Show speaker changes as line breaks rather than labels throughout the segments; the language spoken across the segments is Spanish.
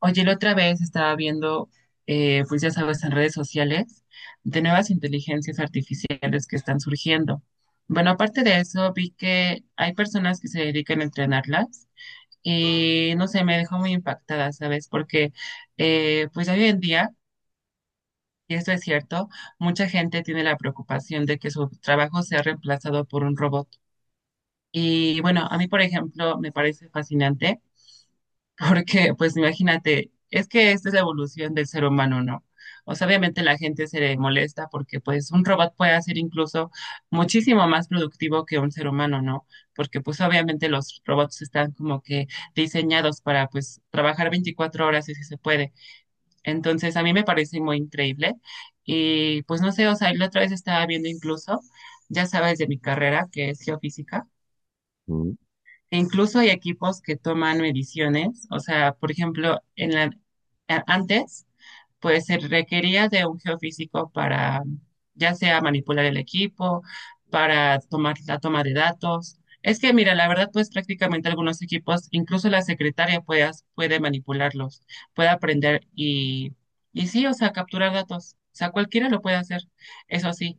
Oye, la otra vez estaba viendo, pues ya sabes, en redes sociales, de nuevas inteligencias artificiales que están surgiendo. Bueno, aparte de eso, vi que hay personas que se dedican a entrenarlas y no sé, me dejó muy impactada, ¿sabes? Porque pues hoy en día, y esto es cierto, mucha gente tiene la preocupación de que su trabajo sea reemplazado por un robot. Y bueno, a mí, por ejemplo, me parece fascinante porque, pues imagínate, es que esta es la evolución del ser humano, ¿no? O sea, obviamente la gente se le molesta porque, pues, un robot puede ser incluso muchísimo más productivo que un ser humano, ¿no? Porque, pues, obviamente los robots están como que diseñados para, pues, trabajar 24 horas si se puede. Entonces, a mí me parece muy increíble. Y, pues, no sé, o sea, la otra vez estaba viendo incluso, ya sabes, de mi carrera, que es geofísica.
Mm.
Incluso hay equipos que toman mediciones, o sea, por ejemplo, antes, pues se requería de un geofísico para, ya sea manipular el equipo, para tomar la toma de datos. Es que, mira, la verdad, pues prácticamente algunos equipos, incluso la secretaria puede manipularlos, puede aprender y sí, o sea, capturar datos. O sea, cualquiera lo puede hacer, eso sí.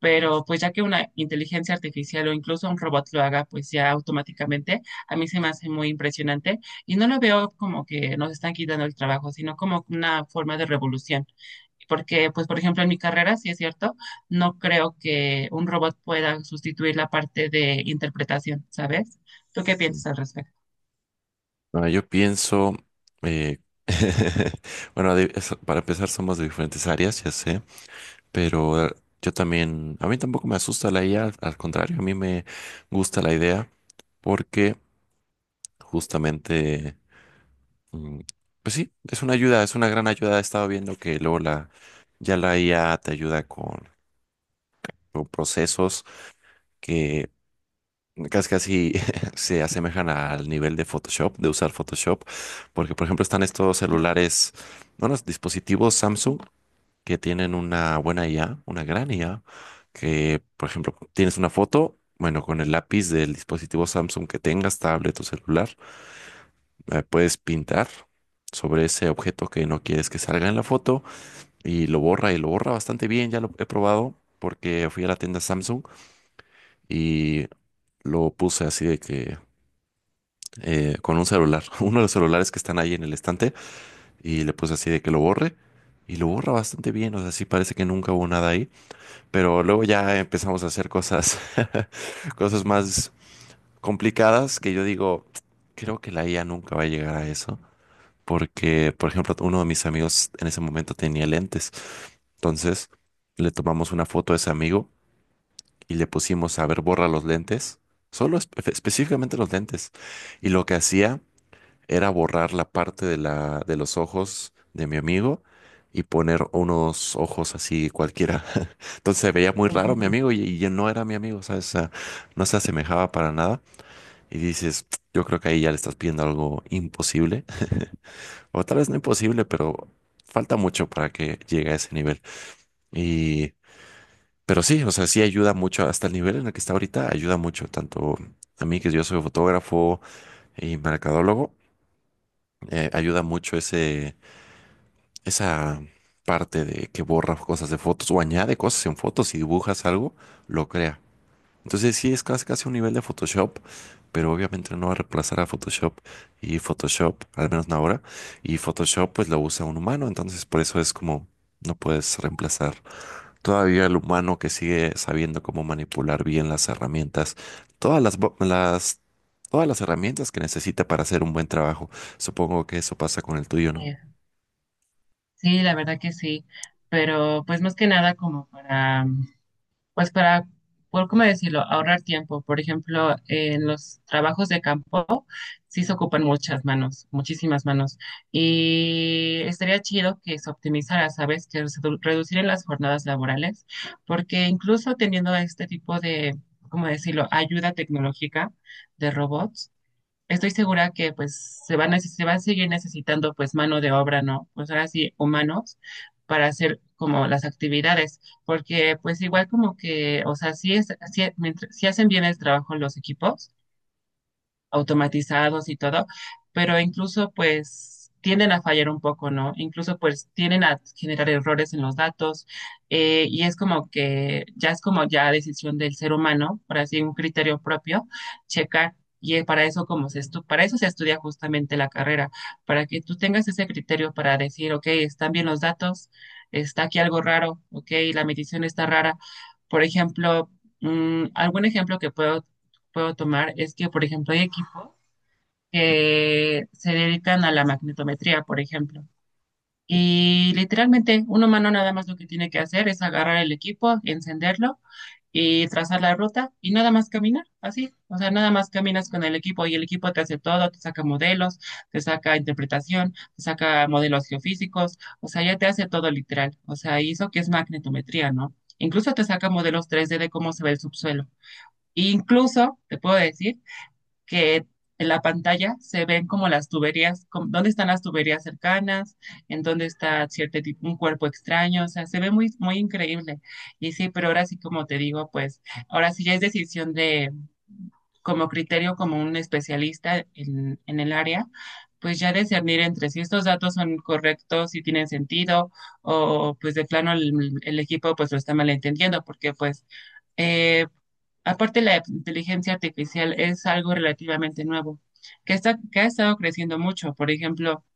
Pero pues ya que una inteligencia artificial o incluso un robot lo haga, pues ya automáticamente, a mí se me hace muy impresionante y no lo veo como que nos están quitando el trabajo, sino como una forma de revolución. Porque, pues, por ejemplo, en mi carrera, sí es cierto, no creo que un robot pueda sustituir la parte de interpretación, ¿sabes? ¿Tú qué piensas al respecto?
Bueno, yo pienso, eh, bueno, para empezar somos de diferentes áreas, ya sé, pero yo también, a mí tampoco me asusta la IA, al contrario, a mí me gusta la idea porque justamente, mm, pues sí, es una ayuda, es una gran ayuda. He estado viendo que ya la IA te ayuda con procesos que casi, casi se asemejan al nivel de Photoshop, de usar Photoshop, porque por ejemplo están estos celulares, unos dispositivos Samsung que tienen una buena IA, una gran IA, que por ejemplo tienes una foto, bueno, con el lápiz del dispositivo Samsung que tengas, tablet o celular, puedes pintar sobre ese objeto que no quieres que salga en la foto y lo borra bastante bien, ya lo he probado porque fui a la tienda Samsung y lo puse así de que con un celular, uno de los celulares que están ahí en el estante, y le puse así de que lo borre, y lo borra bastante bien, o sea, sí parece que nunca hubo nada ahí, pero luego ya empezamos a hacer cosas, cosas más complicadas que yo digo, creo que la IA nunca va a llegar a eso, porque, por ejemplo, uno de mis amigos en ese momento tenía lentes, entonces le tomamos una foto a ese amigo y le pusimos a ver, borra los lentes. Solo específicamente los lentes. Y lo que hacía era borrar la parte de de los ojos de mi amigo y poner unos ojos así cualquiera. Entonces se veía muy raro mi
Ujú.
amigo y ya no era mi amigo, ¿sabes? O sea, no se asemejaba para nada. Y dices, yo creo que ahí ya le estás pidiendo algo imposible, o tal vez no imposible, pero falta mucho para que llegue a ese nivel. Y, pero sí, o sea, sí ayuda mucho, hasta el nivel en el que está ahorita, ayuda mucho, tanto a mí que yo soy fotógrafo y mercadólogo, ayuda mucho ese esa parte de que borra cosas de fotos o añade cosas en fotos y dibujas algo, lo crea. Entonces sí es casi casi un nivel de Photoshop, pero obviamente no va a reemplazar a Photoshop y Photoshop, al menos no ahora, y Photoshop pues lo usa un humano, entonces por eso es como no puedes reemplazar todavía el humano que sigue sabiendo cómo manipular bien las herramientas, las todas las herramientas que necesita para hacer un buen trabajo. Supongo que eso pasa con el tuyo, ¿no?
Eh, Sí, la verdad que sí, pero pues más que nada como para pues para, por cómo decirlo, ahorrar tiempo. Por ejemplo, en los trabajos de campo sí se ocupan muchas manos, muchísimas manos. Y estaría chido que se optimizara, ¿sabes? Que reducieran las jornadas laborales, porque incluso teniendo este tipo de, ¿cómo decirlo?, ayuda tecnológica de robots, estoy segura que pues se va a seguir necesitando pues mano de obra, ¿no? Pues ahora sí, humanos para hacer como las actividades, porque pues igual como que, o sea, sí es, sí- mientras- sí hacen bien el trabajo los equipos, automatizados y todo, pero incluso pues tienden a fallar un poco, ¿no? Incluso pues tienden a generar errores en los datos. Y es como que ya es como ya decisión del ser humano, por así un criterio propio, checar. Y para eso, para eso se estudia justamente la carrera, para que tú tengas ese criterio para decir, ok, están bien los datos, está aquí algo raro, ok, la medición está rara. Por ejemplo, algún ejemplo que puedo tomar es que, por ejemplo, hay equipos que se dedican a la magnetometría, por ejemplo. Y literalmente, un humano nada más lo que tiene que hacer es agarrar el equipo, encenderlo y trazar la ruta y nada más caminar, así. O sea, nada más caminas con el equipo y el equipo te hace todo, te saca modelos, te saca interpretación, te saca modelos geofísicos, o sea, ya te hace todo literal. O sea, y eso que es magnetometría, ¿no? Incluso te saca modelos 3D de cómo se ve el subsuelo. E incluso, te puedo decir, que en la pantalla se ven como las tuberías, dónde están las tuberías cercanas, en dónde está cierto tipo, un cuerpo extraño, o sea, se ve muy, muy increíble. Y sí, pero ahora sí, como te digo, pues ahora sí ya es decisión de, como criterio, como un especialista en el área, pues ya discernir entre si estos datos son correctos, si tienen sentido, o pues de plano el equipo pues lo está malentendiendo, porque pues eh, aparte, la inteligencia artificial es algo relativamente nuevo, que está, que ha estado creciendo mucho. Por ejemplo,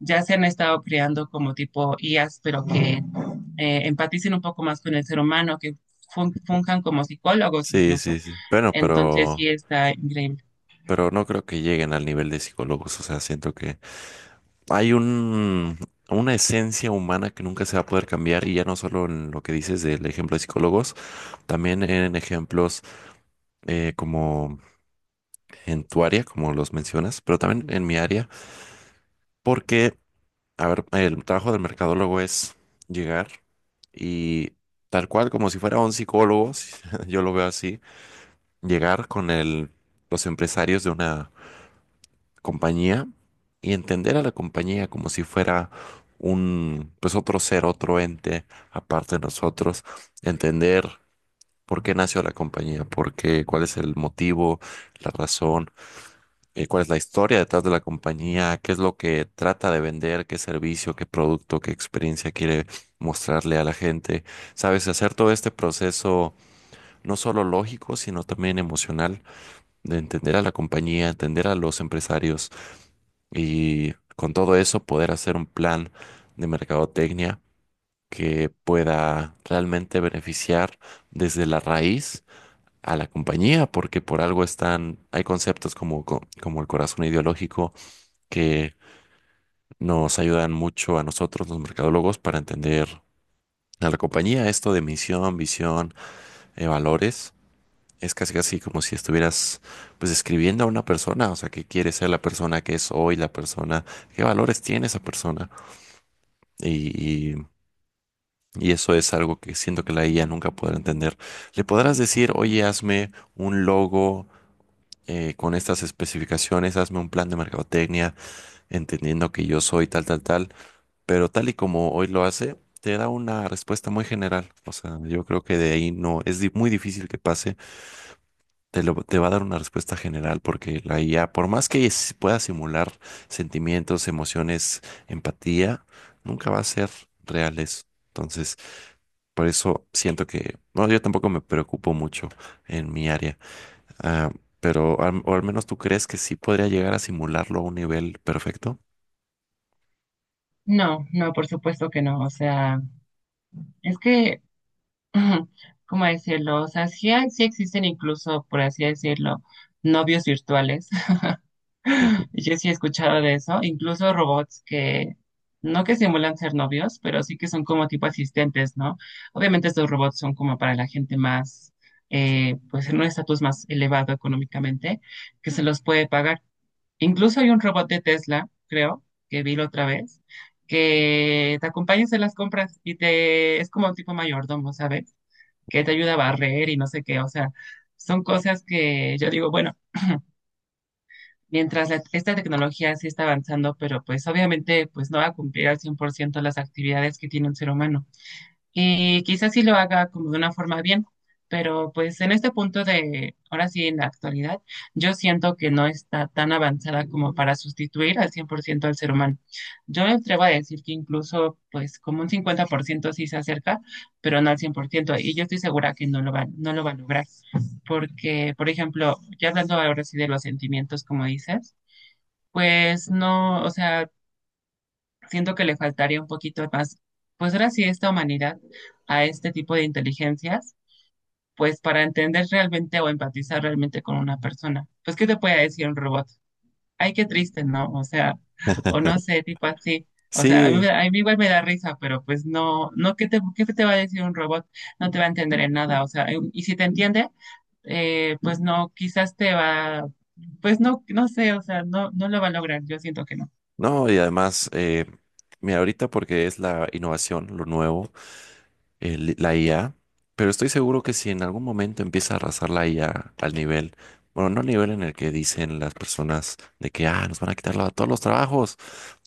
ya se han estado creando como tipo IAs, pero que empaticen un poco más con el ser humano, que funjan como psicólogos
Sí, sí,
incluso.
sí. Bueno,
Entonces, sí está increíble.
pero no creo que lleguen al nivel de psicólogos. O sea, siento que hay una esencia humana que nunca se va a poder cambiar y ya no solo en lo que dices del ejemplo de psicólogos, también en ejemplos como en tu área, como los mencionas, pero también en mi área, porque, a ver, el trabajo del mercadólogo es llegar y tal cual como si fuera un psicólogo, yo lo veo así, llegar con los empresarios de una compañía y entender a la compañía como si fuera un, pues otro ser, otro ente aparte de nosotros, entender por qué nació la compañía, por qué, cuál es el motivo, la razón, cuál es la historia detrás de la compañía, qué es lo que trata de vender, qué servicio, qué producto, qué experiencia quiere mostrarle a la gente. Sabes, hacer todo este proceso no solo lógico, sino también emocional de entender a la compañía, entender a los empresarios y con todo eso poder hacer un plan de mercadotecnia que pueda realmente beneficiar desde la raíz a la compañía, porque por algo están, hay conceptos como el corazón ideológico que nos ayudan mucho a nosotros los mercadólogos para entender a la compañía esto de misión, visión, valores. Es casi casi como si estuvieras pues escribiendo a una persona, o sea, qué quiere ser la persona que es hoy, la persona, qué valores tiene esa persona. Y, y- y eso es algo que siento que la IA nunca podrá entender. Le podrás decir, oye, hazme un logo con estas especificaciones, hazme un plan de mercadotecnia, entendiendo que yo soy tal, tal, tal, pero tal y como hoy lo hace, te da una respuesta muy general. O sea, yo creo que de ahí no, es muy difícil que pase, te va a dar una respuesta general, porque la IA, por más que pueda simular sentimientos, emociones, empatía, nunca va a ser reales. Entonces... Por eso siento que, no, yo tampoco me preocupo mucho en mi área. Ah, pero al, o al menos tú crees que sí podría llegar a simularlo a un nivel perfecto.
No, no, por supuesto que no. O sea, es que, ¿cómo decirlo? O sea, sí, sí existen incluso, por así decirlo, novios virtuales.
Ujú.
Y yo sí he escuchado de eso, incluso robots que no que simulan ser novios, pero sí que son como tipo asistentes, ¿no? Obviamente estos robots son como para la gente más, pues en un estatus más elevado económicamente, que se los puede pagar. Incluso hay un robot de Tesla, creo, que vi la otra vez, que te acompaña en las compras y te es como un tipo mayordomo, ¿sabes? Que te ayuda a barrer y no sé qué, o sea, son cosas que yo digo, bueno, mientras esta tecnología sí está avanzando, pero pues obviamente pues no va a cumplir al 100% las actividades que tiene un ser humano. Y quizás sí lo haga como de una forma bien, pero pues en este punto de, ahora sí en la actualidad, yo siento que no está tan avanzada como para sustituir al 100% al ser humano. Yo me atrevo a decir que incluso pues como un 50% sí se acerca, pero no al 100% y yo estoy segura que no lo va a lograr, porque, por ejemplo, ya hablando ahora sí de los sentimientos, como dices, pues no, o sea, siento que le faltaría un poquito más, pues ahora sí, esta humanidad a este tipo de inteligencias, pues para entender realmente o empatizar realmente con una persona. Pues, ¿qué te puede decir un robot? Ay, qué triste, ¿no? O sea, o no sé, tipo así. O sea, a mí,
Sí,
me a mí igual me da risa, pero pues no, no, ¿qué te va a decir un robot? No te va a entender en nada, o sea, y si te entiende, pues no, quizás te va, pues no, no sé, o sea, no, no lo va a lograr, yo siento que no.
no, y además, mira, ahorita porque es la innovación, lo nuevo, la IA, pero estoy seguro que si en algún momento empieza a arrasar la IA al nivel, bueno, no al nivel en el que dicen las personas de que, ah, nos van a quitar todos los trabajos.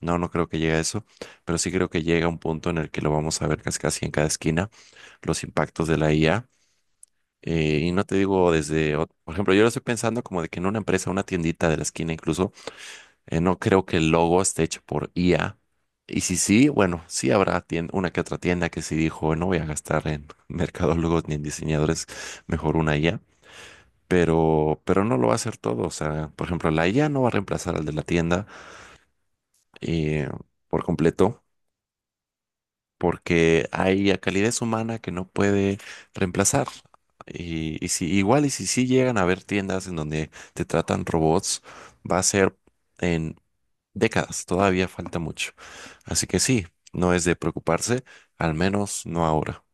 No, no creo que llegue a eso, pero sí creo que llega un punto en el que lo vamos a ver casi casi en cada esquina, los impactos de la IA. Y no te digo desde, por ejemplo, yo lo estoy pensando como de que en una empresa, una tiendita de la esquina incluso, no creo que el logo esté hecho por IA. Y si sí, bueno, sí habrá una que otra tienda que sí dijo, no voy a gastar en mercadólogos ni en diseñadores, mejor una IA. Pero no lo va a hacer todo. O sea, por ejemplo, la IA no va a reemplazar al de la tienda eh, por completo, porque hay a calidez humana que no puede reemplazar. Y si igual, y si sí llegan a haber tiendas en donde te tratan robots, va a ser en décadas, todavía falta mucho. Así que sí, no es de preocuparse, al menos no ahora.